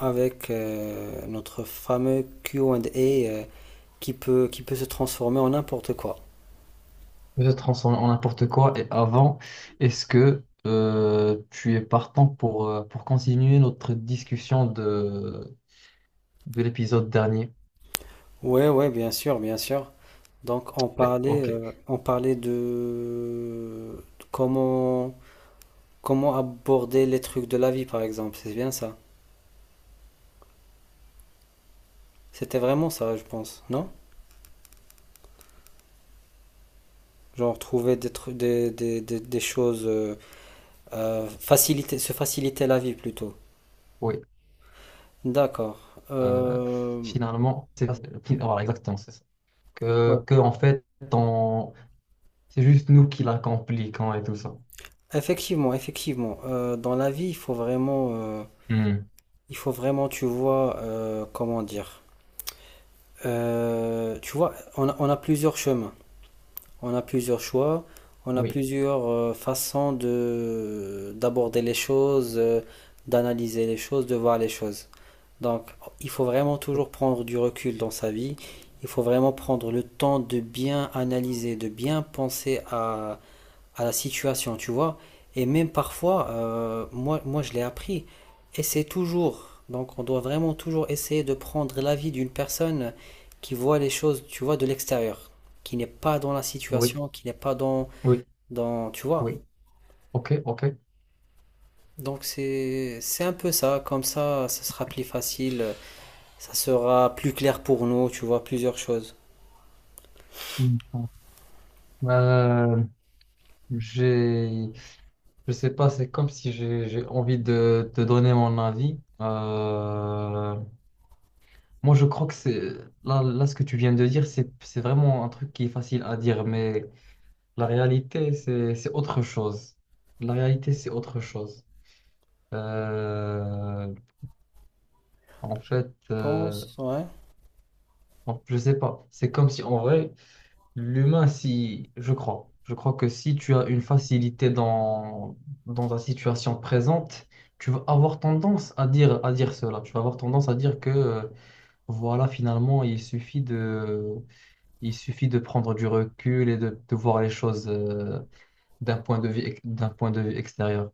Avec notre fameux Q Q&A qui peut se transformer en n'importe quoi. De transformer en n'importe quoi. Et avant, est-ce que tu es partant pour continuer notre discussion de l'épisode dernier? Ouais, ouais, bien sûr, bien sûr. Donc Ok, ok, on parlait de comment, comment aborder les trucs de la vie, par exemple. C'est bien ça. C'était vraiment ça, je pense, non? Genre trouver des, tru- des choses, faciliter, se faciliter la vie plutôt. oui. D'accord. Euh, Euh, Finalement, c'est voilà, exactement, c'est ça. Ouais. En fait, on- c'est juste nous qui la compliquons et tout ça. Effectivement, effectivement. Dans la vie, Hmm. il faut vraiment, tu vois, comment dire, tu vois, on a plusieurs chemins, on a plusieurs choix, on a Oui, plusieurs façons de d'aborder les choses, d'analyser les choses, de voir les choses. Donc, il faut vraiment toujours prendre du recul dans sa vie. Il faut vraiment prendre le temps de bien analyser, de bien penser à la situation, tu vois. Et même parfois, moi je l'ai appris, et c'est toujours. Donc on doit vraiment toujours essayer de prendre l'avis d'une personne qui voit les choses, tu vois, de l'extérieur, qui n'est pas dans la oui, situation, qui n'est pas oui, tu vois. oui. Ok, ok. Donc c'est un peu ça, comme ça sera plus facile, ça sera plus clair pour nous, tu vois, plusieurs choses. Hmm. Euh, j'ai Je sais pas, c'est comme si j'ai envie de te donner mon avis. Moi, je crois que c'est là, là, ce que tu viens de dire, c'est vraiment un truc qui est facile à dire, mais la réalité, c'est autre chose. La réalité, c'est autre chose. Euh, en fait, Pense, ouais. Je sais pas. C'est comme si en vrai, l'humain, si, je crois que si tu as une facilité dans, dans ta situation présente, tu vas avoir tendance à dire cela. Tu vas avoir tendance à dire que, voilà, finalement, il suffit de prendre du recul et de voir les choses, d'un point de vue, d'un point de vue extérieur.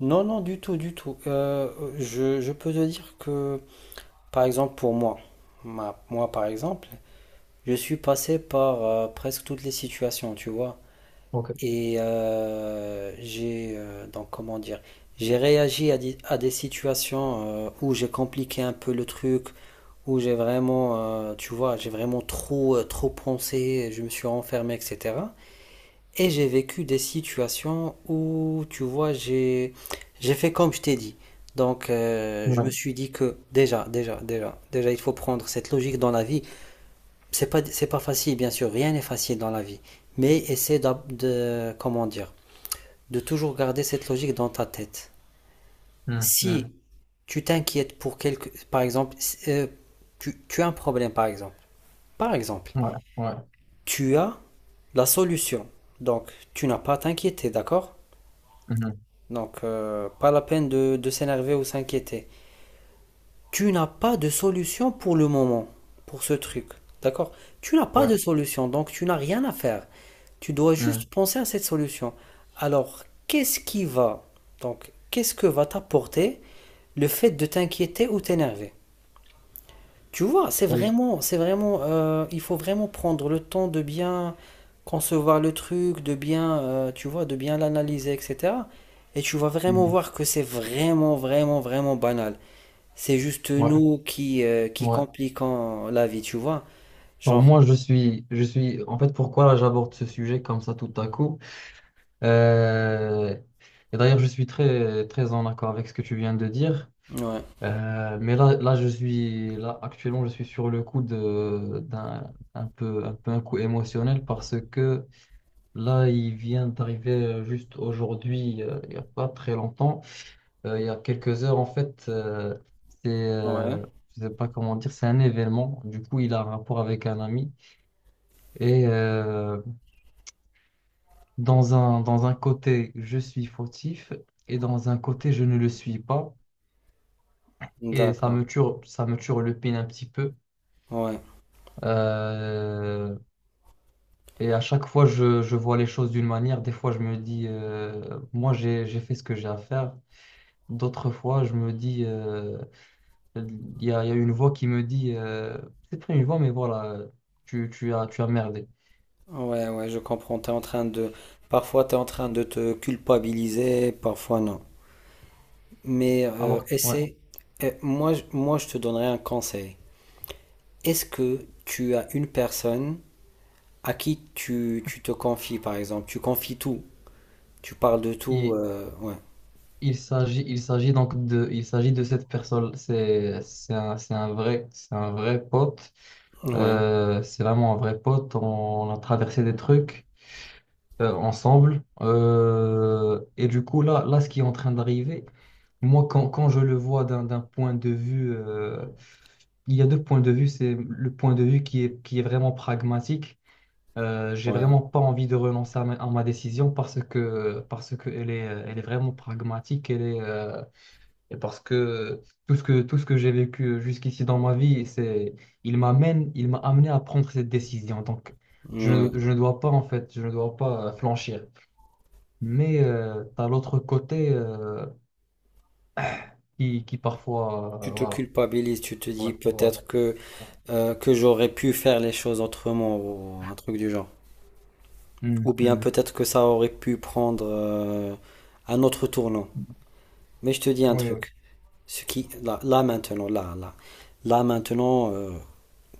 Non, non, du tout, du tout. Je peux te dire que par exemple, pour moi, moi par exemple, je suis passé par presque toutes les situations, tu vois. Ok. Et donc comment dire, j'ai réagi à des situations où j'ai compliqué un peu le truc, où j'ai vraiment, tu vois, j'ai vraiment trop, trop pensé, je me suis renfermé, etc. Et j'ai vécu des situations où, tu vois, j'ai fait comme je t'ai dit. Donc, je me Ouais. suis dit que déjà, il faut prendre cette logique dans la vie. C'est pas facile, bien sûr, rien n'est facile dans la vie. Mais comment dire, de toujours garder cette logique dans ta tête. Mm, Si mm. tu t'inquiètes pour quelque, par exemple, si- tu, tu as un problème, par exemple. Par exemple, Ouais. Ouais. tu as la solution. Donc, tu n'as pas à t'inquiéter, d'accord? Mhm. Donc, pas la peine de s'énerver ou s'inquiéter. Tu n'as pas de solution pour le moment, pour ce truc. D'accord? Tu n'as pas Ouais. de solution, donc tu n'as rien à faire. Tu dois juste Mm. penser à cette solution. Alors, qu'est-ce qui va, donc, qu'est-ce que va t'apporter le fait de t'inquiéter ou t'énerver? Tu vois, Oui. C'est vraiment, il faut vraiment prendre le temps de bien concevoir le truc, de bien, tu vois, de bien l'analyser, etc. Et tu vas vraiment Mm. voir que c'est vraiment banal. C'est juste Ouais. nous qui Ouais. compliquons la vie, tu vois. Alors Genre, moi, je suis, en fait, pourquoi là, j'aborde ce sujet comme ça tout à coup? Euh, et d'ailleurs, je suis très, très en accord avec ce que tu viens de dire. ouais, Mais là, là, là, actuellement, je suis sur le coup de, un peu, un peu un coup émotionnel parce que là, il vient d'arriver juste aujourd'hui, il n'y a pas très longtemps, il y a quelques heures, en fait, c'est, ouais, euh, je sais pas comment dire, c'est un événement. Du coup, il a un rapport avec un ami et, dans un, dans un côté, je suis fautif et dans un côté, je ne le suis pas. Et d'accord, ça me tue le pin un petit peu. ouais, Euh, et à chaque fois, je vois les choses d'une manière. Des fois, je me dis, moi, j'ai fait ce que j'ai à faire. D'autres fois, je me dis, il y a une voix qui me dit, c'est pas une voix, mais voilà, tu as merdé. Ouais, je comprends. T'es en train parfois t'es en train de te culpabiliser, parfois non. Mais Alors, ouais. essaie. Moi, je te donnerai un conseil. Est-ce que tu as une personne à qui tu te confies, par exemple? Tu confies tout, tu parles de tout, Et, ouais, il s'agit de cette personne. C'est un vrai pote. ouais, C'est vraiment un vrai pote. On a traversé des trucs ensemble. Et du coup, là, là, ce qui est en train d'arriver, moi, quand je le vois d'un point de vue, il y a deux points de vue. C'est le point de vue qui est vraiment pragmatique. J'ai ouais, vraiment pas envie de renoncer à ma décision parce que elle est vraiment pragmatique. Elle est, et parce que tout ce que j'ai vécu jusqu'ici dans ma vie, c'est, il m'a amené à prendre cette décision. Donc, ouais. Je ne dois pas, en fait, je ne dois pas flanchir. Mais tu as l'autre côté qui parfois. Euh, Tu te voilà. culpabilises, tu te Ouais, dis voilà. Ouais. Que j'aurais pu faire les choses autrement ou un truc du genre. Ou Hum, bien hum. peut-être que ça aurait pu prendre un autre tournant. Mais je te dis un Oui, oui. truc, ce qui, là maintenant,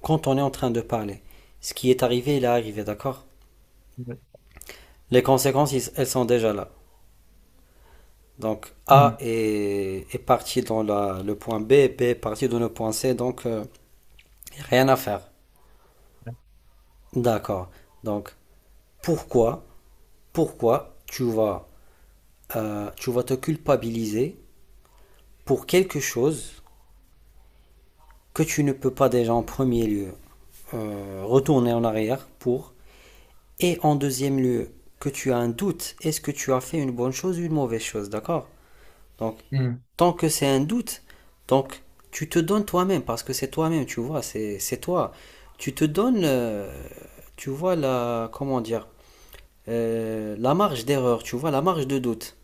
quand on est en train de parler, ce qui est arrivé, il est arrivé, d'accord? Ouais. Les conséquences, elles sont déjà là. Donc A Hum. Est parti dans le point B, et B est parti dans le point C, donc rien à faire. D'accord. Donc pourquoi, pourquoi tu vas te culpabiliser pour quelque chose que tu ne peux pas déjà en premier lieu retourner en arrière et en deuxième lieu que tu as un doute, est-ce que tu as fait une bonne chose ou une mauvaise chose, d'accord? Donc Hmm, tant que c'est un doute, donc tu te donnes toi-même, parce que c'est toi-même, tu vois, c'est toi. Tu te donnes, tu vois, comment dire, la marge d'erreur, tu vois, la marge de doute.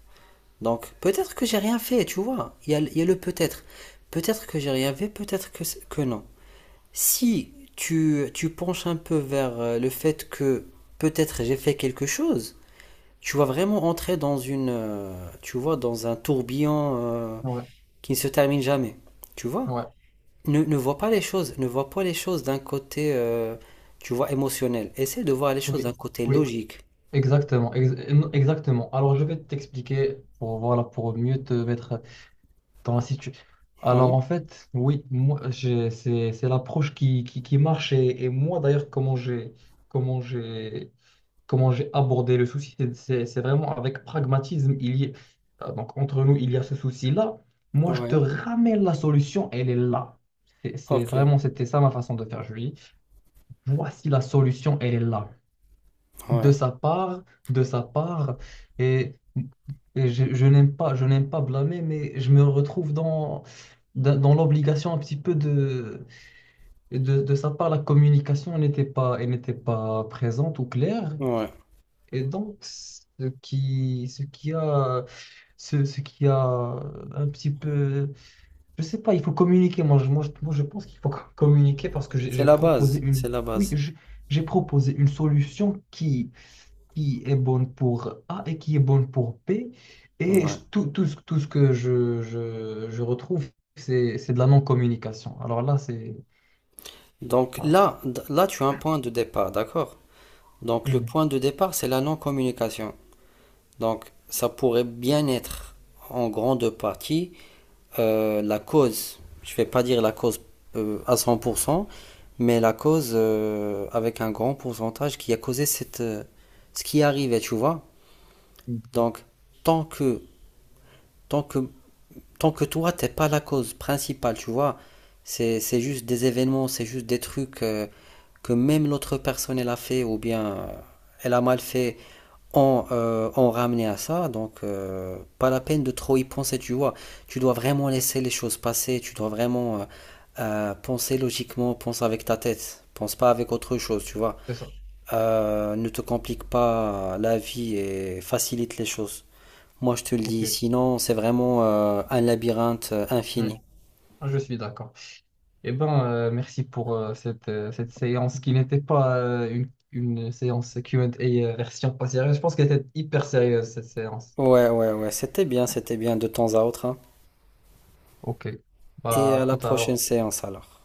Donc, peut-être que j'ai rien fait, tu vois, il y a le peut-être. Peut-être que j'ai rien fait, que non. Si tu penches un peu vers le fait que peut-être j'ai fait quelque chose, tu vas vraiment entrer dans tu vois, dans un tourbillon. Ouais, Qui ne se termine jamais. Tu vois, ouais, ne vois pas les choses, ne vois pas les choses d'un côté, tu vois, émotionnel. Essaie de voir les choses d'un oui, côté oui, logique. exactement, exactement. Alors, je vais t'expliquer pour, voilà, pour mieux te mettre dans la Alors Oui, en fait, oui, c'est l'approche qui marche et moi d'ailleurs comment j'ai comment j'ai abordé le souci, c'est vraiment avec pragmatisme. Donc entre nous, il y a ce souci-là. Moi, je te oui, ramène la solution, elle est là. C'est ok, vraiment c'était ça ma façon de faire, Julie. Voici la solution, elle est là ouais, de sa part, de sa part, et, et je n'aime pas blâmer, mais je me retrouve dans, dans l'obligation un petit peu de sa part, la communication n'était pas, elle n'était pas présente ou claire, ouais. et donc ce qui a un petit peu, je sais pas, il faut communiquer, moi, je pense qu'il faut communiquer parce que C'est j'ai la proposé base, une, c'est la oui, base. J'ai proposé une solution qui est bonne pour A et qui est bonne pour B. Et Ouais. Tout ce que je retrouve, c'est de la non-communication. Alors là, c'est... Donc Voilà. Là, tu as un point de départ, d'accord? Donc le Mm, point de départ, c'est la non-communication. Donc ça pourrait bien être en grande partie la cause, je ne vais pas dire la cause à 100%, mais la cause avec un grand pourcentage qui a causé cette, ce qui arrivait, tu vois. mm, Donc, tant que, tant que, tant que toi, t'es pas la cause principale, tu vois, c'est juste des événements, c'est juste des trucs que même l'autre personne, elle a fait, ou bien elle a mal fait, ont ramené à ça. Donc, pas la peine de trop y penser, tu vois. Tu dois vraiment laisser les choses passer. Tu dois vraiment penser logiquement, pense avec ta tête. Pense pas avec autre chose, tu vois. c'est ça. Ne te complique pas la vie et facilite les choses. Moi, je te le dis, OK. sinon, c'est vraiment un labyrinthe Mm, infini. je suis d'accord. Eh bien, merci pour cette, cette séance qui n'était pas une séance Q&A version pas sérieuse. Je pense qu'elle était hyper sérieuse, cette séance. Ouais, ouais, ouais, c'était bien de temps à autre, hein. OK. Et Bah, à à la tout à prochaine l'heure. séance alors.